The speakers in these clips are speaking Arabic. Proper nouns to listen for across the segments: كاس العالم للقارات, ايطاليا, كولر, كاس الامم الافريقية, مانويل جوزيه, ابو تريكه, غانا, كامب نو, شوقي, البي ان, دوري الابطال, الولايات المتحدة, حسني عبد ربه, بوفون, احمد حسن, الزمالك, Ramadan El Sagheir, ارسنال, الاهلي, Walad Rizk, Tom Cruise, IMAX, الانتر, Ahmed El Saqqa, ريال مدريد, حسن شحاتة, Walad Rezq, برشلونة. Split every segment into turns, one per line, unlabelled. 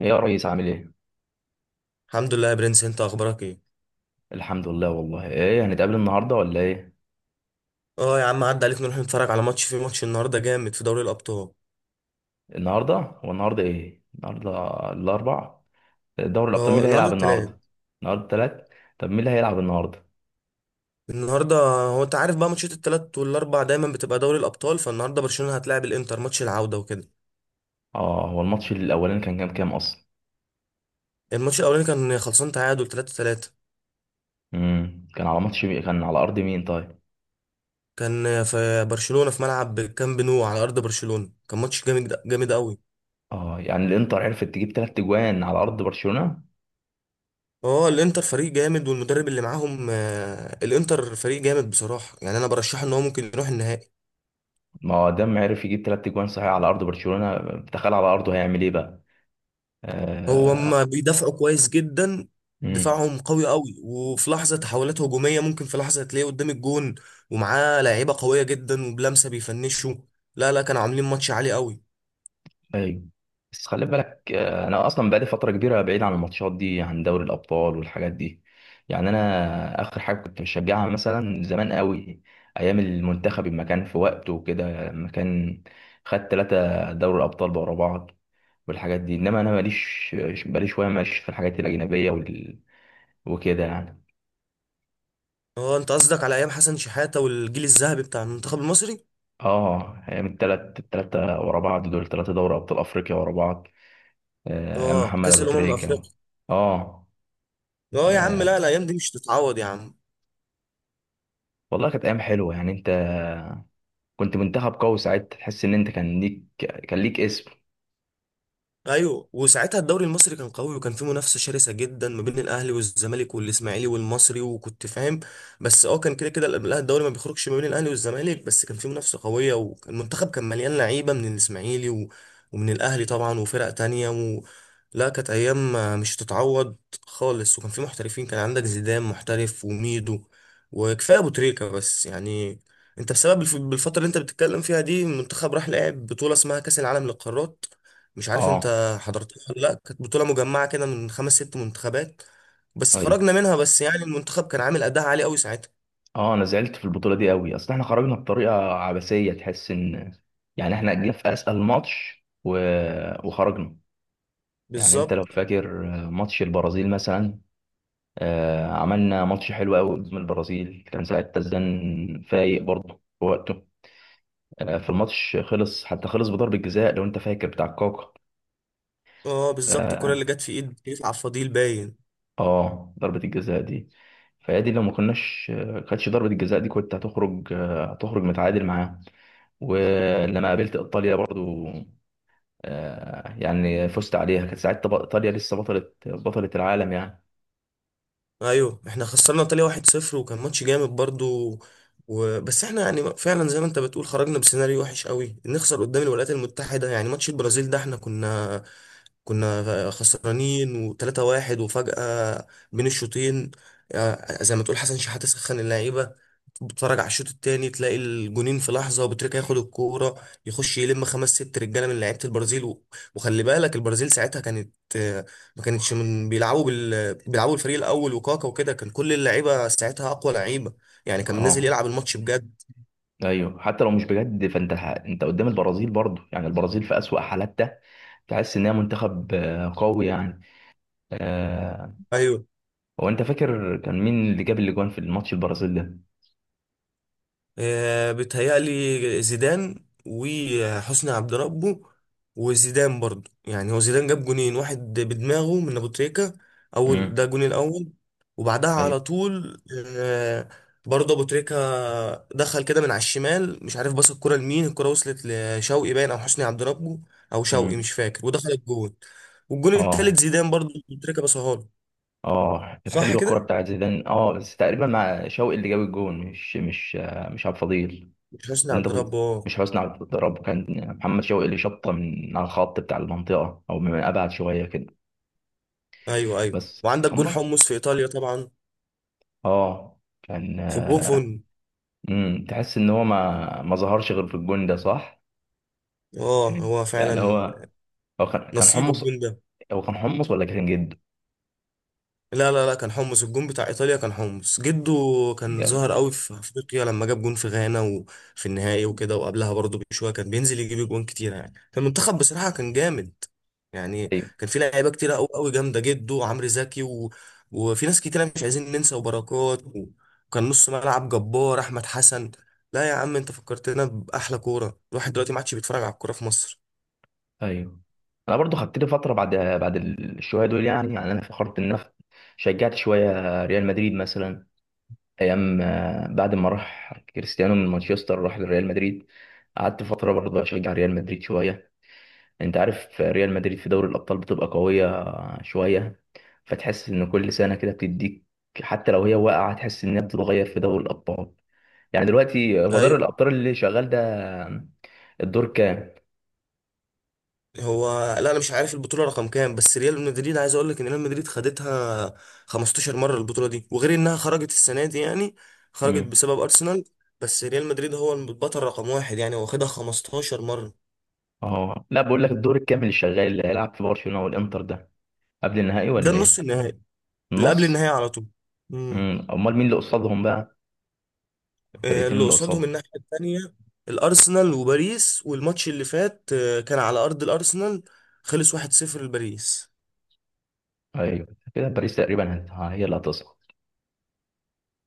ايه يا ريس عامل ايه؟
الحمد لله يا برنس، انت اخبارك ايه؟
الحمد لله والله. ايه هنتقابل النهارده ولا ايه؟
اه يا عم، عدى عليك، نروح نتفرج على ماتش النهارده جامد في دوري الابطال.
النهارده هو النهارده ايه؟ النهارده الاربع. دوري الابطال مين
اه
اللي
النهارده
هيلعب
التلات.
النهارده؟ النهارده تلات. طب مين اللي هيلعب النهارده؟
النهارده، هو انت عارف بقى ماتشات التلات والاربع دايما بتبقى دوري الابطال، فالنهارده برشلونه هتلاعب الانتر ماتش العوده وكده.
اه هو الماتش الاولاني كان كام كام اصلا؟
الماتش الاولاني كان خلصان تعادل 3-3.
كان على ماتش مين؟ كان على ارض مين طيب؟
كان في برشلونه في ملعب كامب نو على ارض برشلونه، كان ماتش جامد جامد قوي.
اه يعني الانتر عرفت تجيب تلات اجوان على ارض برشلونه.
اه الانتر فريق جامد والمدرب اللي معاهم، الانتر فريق جامد بصراحه، يعني انا برشحه ان هو ممكن يروح النهائي.
ما هو دام عرف يجيب تلات اجوان صحيح على ارض برشلونه، تخيل على ارضه هيعمل ايه بقى؟
هو
آه.
هما بيدافعوا كويس جدا،
مم.
دفاعهم قوي قوي، وفي لحظة تحولات هجومية ممكن في لحظة تلاقيه قدام الجون، ومعاه لعيبة قوية جدا وبلمسة بيفنشوا. لا لا، كانوا عاملين ماتش عالي قوي.
ايوه، بس خلي بالك، انا اصلا بقالي فتره كبيره بعيد عن الماتشات دي، عن دوري الابطال والحاجات دي. يعني انا اخر حاجه كنت بشجعها مثلا زمان قوي، ايام المنتخب لما كان في وقته وكده، لما كان خد ثلاثه دوري الابطال ورا بعض والحاجات دي. انما انا ماليش بقالي شويه ماشي في الحاجات الاجنبيه وال... وكده يعني.
اه انت قصدك على ايام حسن شحاتة والجيل الذهبي بتاع المنتخب المصري.
اه ايام الثلاث الثلاثه ورا بعض دول، ثلاثه دوري ابطال افريقيا ورا بعض. آه، ايام
اه
محمد
كأس
ابو
الامم
تريكه و...
الافريقية.
اه.
اه يا عم، لا لا،
آه،
الايام دي مش تتعوض يا عم.
والله كانت ايام حلوه. يعني انت كنت منتخب قوي ساعتها، تحس ان انت كان ليك، كان ليك اسم.
ايوه، وساعتها الدوري المصري كان قوي وكان فيه منافسه شرسه جدا ما بين الاهلي والزمالك والاسماعيلي والمصري، وكنت فاهم. بس كان كده كده، لا، الدوري ما بيخرجش ما بين الاهلي والزمالك، بس كان فيه منافسه قويه وكان المنتخب كان مليان لعيبه من الاسماعيلي ومن الاهلي طبعا وفرق تانية لا كانت ايام مش هتتعوض خالص، وكان فيه محترفين، كان عندك زيدان محترف وميدو، وكفايه ابو تريكه. بس يعني انت بسبب بالفتره اللي انت بتتكلم فيها دي المنتخب راح لعب بطوله اسمها كاس العالم للقارات، مش عارف
اه.
انت حضرت. لا، كانت بطولة مجمعة كده من خمس ست منتخبات، بس
طيب.
خرجنا منها، بس يعني المنتخب كان عامل أداء عالي قوي ساعتها.
اه انا زعلت في البطوله دي قوي، اصل احنا خرجنا بطريقه عبثيه. تحس ان يعني احنا جينا في اسال ماتش و... وخرجنا. يعني انت لو
بالظبط.
فاكر ماتش البرازيل مثلا، آه عملنا ماتش حلو قوي قدام البرازيل. كان ساعتها الزن فايق برضه في وقته. آه في الماتش خلص، حتى خلص بضربه جزاء لو انت فاكر، بتاع كاكا.
اه بالظبط، الكرة اللي جت في ايد كيف على الفضيل باين.
اه ضربة الجزاء دي، فهي دي لو ما كناش كانتش ضربة الجزاء دي كنت هتخرج، آه، هتخرج متعادل معاهم. ولما قابلت ايطاليا برضو، آه، يعني فزت عليها، كانت ساعتها ايطاليا لسه بطلة بطلة العالم يعني.
ايوه، احنا خسرنا ايطاليا 1-0 وكان ماتش جامد برضو. بس احنا يعني فعلا زي ما انت بتقول خرجنا بسيناريو وحش قوي، نخسر قدام الولايات المتحدة. يعني ماتش البرازيل ده احنا كنا خسرانين و3-1، وفجأة بين الشوطين، زي ما تقول حسن شحاتة سخن اللعيبة. بتتفرج على الشوط التاني تلاقي الجونين في لحظه، وبتريكا ياخد الكوره يخش يلم خمس ست رجاله من لعيبه البرازيل وخلي بالك البرازيل ساعتها كانت، ما كانتش من بيلعبوا بيلعبوا الفريق الاول، وكاكا وكده كان كل اللعيبه ساعتها اقوى لعيبه، يعني كان نازل
اه
يلعب الماتش بجد.
ايوه، حتى لو مش بجد فانت انت قدام البرازيل برضو. يعني البرازيل في اسوأ حالاتها تحس ان هي منتخب، آه، قوي يعني. آه،
ايوه،
هو انت فاكر كان مين اللي جاب الاجوان في الماتش البرازيل ده؟
بيتهيألي زيدان وحسني عبد ربه، وزيدان برضو، يعني هو زيدان جاب جونين، واحد بدماغه من ابو تريكة، اول ده
امم
الجون الاول، وبعدها
ايوه.
على طول آه، برضه ابو تريكة دخل كده من على الشمال، مش عارف باص الكرة لمين، الكرة وصلت لشوقي باين او حسني عبد ربه، او شوقي
امم
مش فاكر، ودخل الجون. والجون
اه.
التالت زيدان، برضه ابو تريكة باصها له.
اه كانت
صح
حلوه
كده.
الكوره بتاعت زيدان. اه بس تقريبا مع شوقي اللي جاب الجون، مش آه، مش عبد الفضيل.
مش حسني
ولا انت
عبد ربه. اه
مش حسني عبد الرب، كان محمد شوقي اللي شطه من على الخط بتاع المنطقه او من ابعد شويه كده.
ايوه ايوه،
بس
وعندك
كان
جون
ماتش،
حمص في ايطاليا طبعا،
اه كان،
في بوفون.
تحس ان هو ما ظهرش غير في الجون ده، صح؟
اه، هو
يعني
فعلا
هو، هو كان كان
نصيبه
حمص.
الجون ده.
هو كان حمص ولا كان جد؟
لا لا لا، كان حمص، الجون بتاع ايطاليا كان حمص جده. كان ظاهر
يعني
قوي في افريقيا لما جاب جون في غانا وفي النهائي وكده، وقبلها برضه بشويه كان بينزل يجيب جون كتير، يعني فالمنتخب بصراحه كان جامد. يعني كان في لعيبه كتيره قوي قوي جامده جده، وعمرو زكي وفي ناس كتيره مش عايزين ننسى، وبركات وكان نص ملعب جبار احمد حسن. لا يا عم، انت فكرتنا باحلى كوره، الواحد دلوقتي ما عادش بيتفرج على الكوره في مصر.
ايوه. انا برضو خدت لي فتره بعد الشويه دول. يعني يعني انا فخرت ان انا شجعت شويه ريال مدريد مثلا، ايام، آه، بعد ما راح كريستيانو من مانشستر راح لريال مدريد، قعدت فتره برضو اشجع ريال مدريد شويه. انت عارف ريال مدريد في دوري الابطال بتبقى قويه شويه، فتحس ان كل سنه كده بتديك، حتى لو هي واقعه تحس انها بتتغير في دوري الابطال. يعني دلوقتي هو دوري
ايوه.
الابطال اللي شغال ده الدور كام؟
هو لا، انا مش عارف البطوله رقم كام، بس ريال مدريد عايز اقول لك ان ريال مدريد خدتها 15 مره البطوله دي، وغير انها خرجت السنه دي، يعني خرجت بسبب ارسنال، بس ريال مدريد هو البطل رقم واحد، يعني هو خدها 15 مره.
اه لا، بقول لك الدور الكامل الشغال اللي هيلعب في برشلونة والانتر ده، قبل النهائي
ده
ولا
النص
ايه؟
النهائي، اللي قبل
النص.
النهائي على طول. امم،
امال مين اللي قصادهم بقى، الفرقتين
اللي
اللي
قصادهم
قصادهم؟
الناحيه التانيه الارسنال وباريس، والماتش اللي فات كان على ارض الارسنال، خلص 1-0 لباريس.
ايوه كده باريس تقريبا هي اللي هتصعد.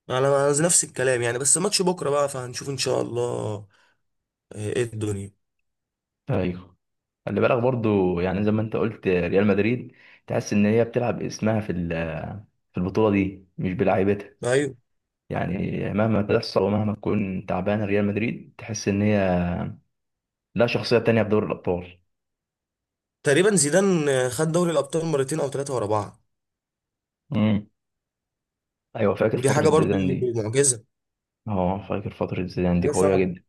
على نفس الكلام يعني، بس ماتش بكره بقى، فهنشوف ان شاء الله. ايه الدنيا.
ايوه خلي بالك برضو يعني، زي ما انت قلت ريال مدريد تحس ان هي بتلعب اسمها في في البطولة دي مش بلاعيبتها.
ايوه،
يعني مهما تحصل ومهما تكون تعبانة، ريال مدريد تحس ان هي لا، شخصية تانية في دوري الابطال.
تقريبا زيدان خد دوري الابطال مرتين او ثلاثه ورا بعض،
امم ايوه فاكر
ودي حاجه
فترة
برضو
زيدان دي.
معجزه،
اه فاكر فترة زيدان دي
حاجه
قوية
صعبه.
جدا.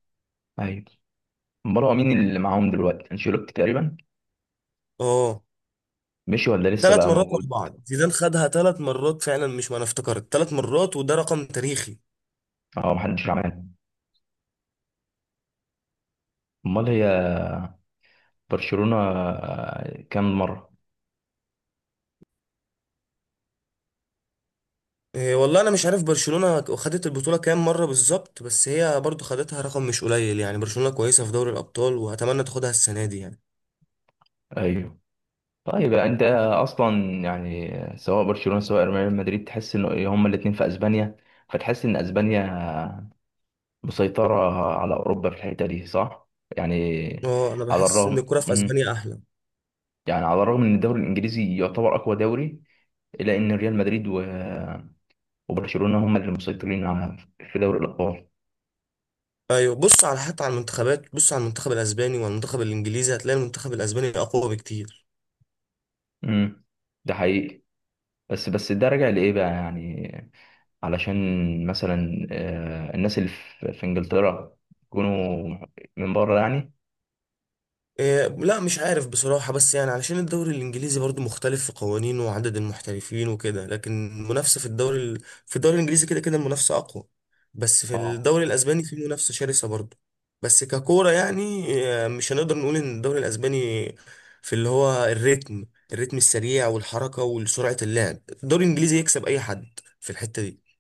ايوه. امال هو مين اللي معاهم دلوقتي، انشيلوتي تقريبا؟
اه،
مشي ولا لسه
ثلاث
بقى
مرات ورا
موجود؟
بعض، زيدان خدها ثلاث مرات فعلا، مش ما انا افتكرت ثلاث مرات، وده رقم تاريخي.
اه محدش عمل. امال هي برشلونة، آه، كام مرة؟
إيه، والله انا مش عارف برشلونه خدت البطوله كام مره بالظبط، بس هي برضو خدتها رقم مش قليل، يعني برشلونه كويسه في دوري الابطال، واتمنى تاخدها السنه دي يعني.
ايوه. طيب انت اصلا يعني، سواء برشلونة سواء ريال مدريد، تحس ان هما الاتنين في اسبانيا، فتحس ان اسبانيا مسيطرة على اوروبا في الحتة دي، صح؟ يعني
اه، انا
على
بحس ان
الرغم،
الكوره في اسبانيا احلى.
يعني على الرغم ان الدوري الانجليزي يعتبر اقوى دوري، الا ان ريال مدريد و... وبرشلونة هما اللي مسيطرين على، في دوري الابطال.
ايوه، بص على، حتى على المنتخبات، بص على المنتخب الاسباني والمنتخب الانجليزي، هتلاقي المنتخب الاسباني اقوى بكتير.
امم ده حقيقي. بس ده راجع لايه بقى يعني؟ علشان مثلا، آه، الناس اللي في انجلترا يكونوا من بره يعني؟
إيه، لا مش عارف بصراحة، بس يعني علشان الدوري الإنجليزي برضو مختلف في قوانينه وعدد المحترفين وكده، لكن المنافسة في الدوري في الدوري الإنجليزي كده كده المنافسة أقوى، بس في
اه
الدوري الأسباني في منافسة شرسة برضو. بس ككورة يعني، مش هنقدر نقول إن الدوري الأسباني في اللي هو الريتم السريع والحركة وسرعة اللعب، الدوري الإنجليزي يكسب أي حد في الحتة دي.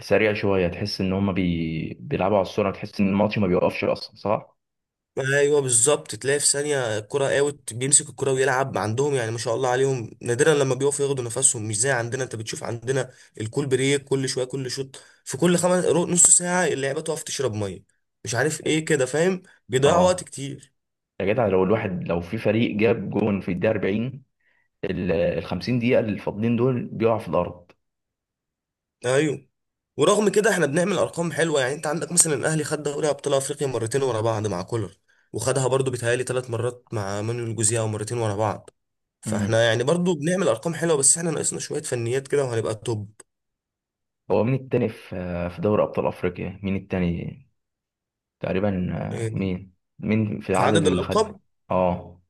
سريع شويه، تحس ان هم بي... بيلعبوا على السرعه، تحس ان الماتش ما بيوقفش اصلا، صح؟
ايوه بالظبط، تلاقي في ثانيه الكره اوت، بيمسك الكره ويلعب عندهم، يعني ما شاء الله عليهم، نادرا لما بيقفوا ياخدوا نفسهم، مش زي عندنا، انت بتشوف عندنا الكول بريك كل شويه، كل شوط في كل خمس نص ساعه اللعيبه تقف تشرب ميه، مش عارف ايه كده، فاهم، بيضيعوا وقت
اه
كتير.
يا جدع، لو الواحد لو في فريق جاب جون في الدقيقه 40، ال ال 50 دقيقه اللي فاضلين دول بيقعوا في الارض.
ايوه، ورغم كده احنا بنعمل ارقام حلوه، يعني انت عندك مثلا الاهلي خد دوري ابطال افريقيا مرتين ورا بعض مع كولر، وخدها برضو بيتهيألي ثلاث مرات مع مانويل جوزيه، او مرتين ورا بعض.
امم
فاحنا يعني برضو بنعمل ارقام حلوه، بس احنا ناقصنا شويه فنيات كده وهنبقى توب.
هو مين التاني في، في دوري ابطال افريقيا مين التاني تقريبا، آه،
آه،
مين؟ مين في
في
العدد
عدد
اللي خد؟
الألقاب،
اه.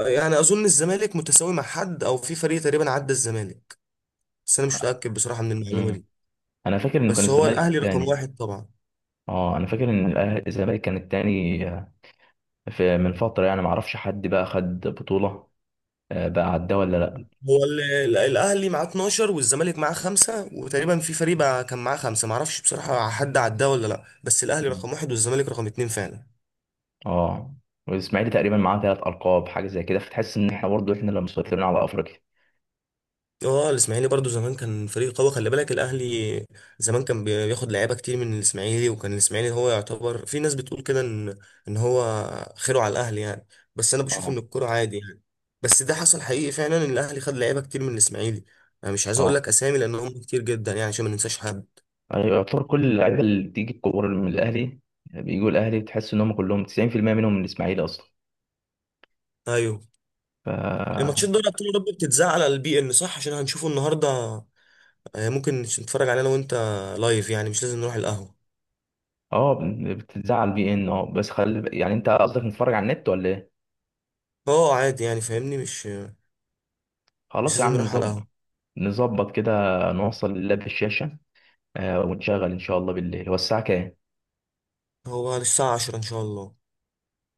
يعني أظن الزمالك متساوي مع حد، أو في فريق تقريبا عدى الزمالك، بس أنا مش متأكد بصراحة من المعلومة
مم.
دي.
انا فاكر انه كان
بس هو
الزمالك
الأهلي رقم
التاني.
واحد طبعا.
اه انا فاكر ان الزمالك كان التاني، آه، في من فتره. يعني ما اعرفش حد بقى خد بطوله، آه، بقى عداه ولا لا.
هو الأهلي معاه 12 والزمالك معاه خمسة، وتقريبا في فريق بقى كان معاه خمسة، معرفش بصراحة حد عداه ولا لأ، بس الأهلي
مم.
رقم واحد والزمالك رقم اتنين فعلا.
اه والاسماعيلي تقريبا معاه ثلاث القاب حاجه زي كده، فتحس ان احنا برضه احنا اللي مسيطرين على افريقيا.
اه، الاسماعيلي برضو زمان كان فريق قوي، خلي بالك الاهلي زمان كان بياخد لعيبه كتير من الاسماعيلي، وكان الاسماعيلي هو يعتبر، في ناس بتقول كده ان هو خيره على الاهلي يعني، بس انا بشوف
اه.
ان الكوره عادي يعني. بس ده حصل حقيقي فعلا، ان الاهلي خد لعيبه كتير من الاسماعيلي، انا مش عايز اقول
اه
لك اسامي لان هم كتير جدا، يعني عشان ما ننساش حد.
أيوة، يعتبر كل اللعيبه اللي بتيجي الكوره من الاهلي، بيجوا الاهلي بتحس ان هم كلهم 90% منهم من الاسماعيلي اصلا.
ايوه،
ف
الماتشات دوري ابطال اوروبا بتتذاع على البي إن صح، عشان هنشوفه النهارده، ممكن نتفرج عليه انا وانت لايف، يعني مش لازم نروح القهوه.
اه بتزعل بي ان. اه بس خل، يعني انت قصدك نتفرج على النت ولا ايه؟
اه عادي، يعني فاهمني، مش
خلاص يا
لازم
عم
نروح على القهوه.
نظبط، نظبط كده، نوصل اللاب في الشاشه، آه ونشغل ان شاء الله بالليل. هو الساعه كام؟
هو بعد الساعة 10 إن شاء الله.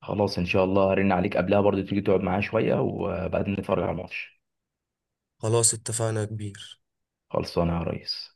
خلاص ان شاء الله هرن عليك قبلها برضه، تيجي تقعد معايا شويه وبعدين نتفرج على الماتش.
خلاص اتفقنا يا كبير.
خلصانه يا ريس.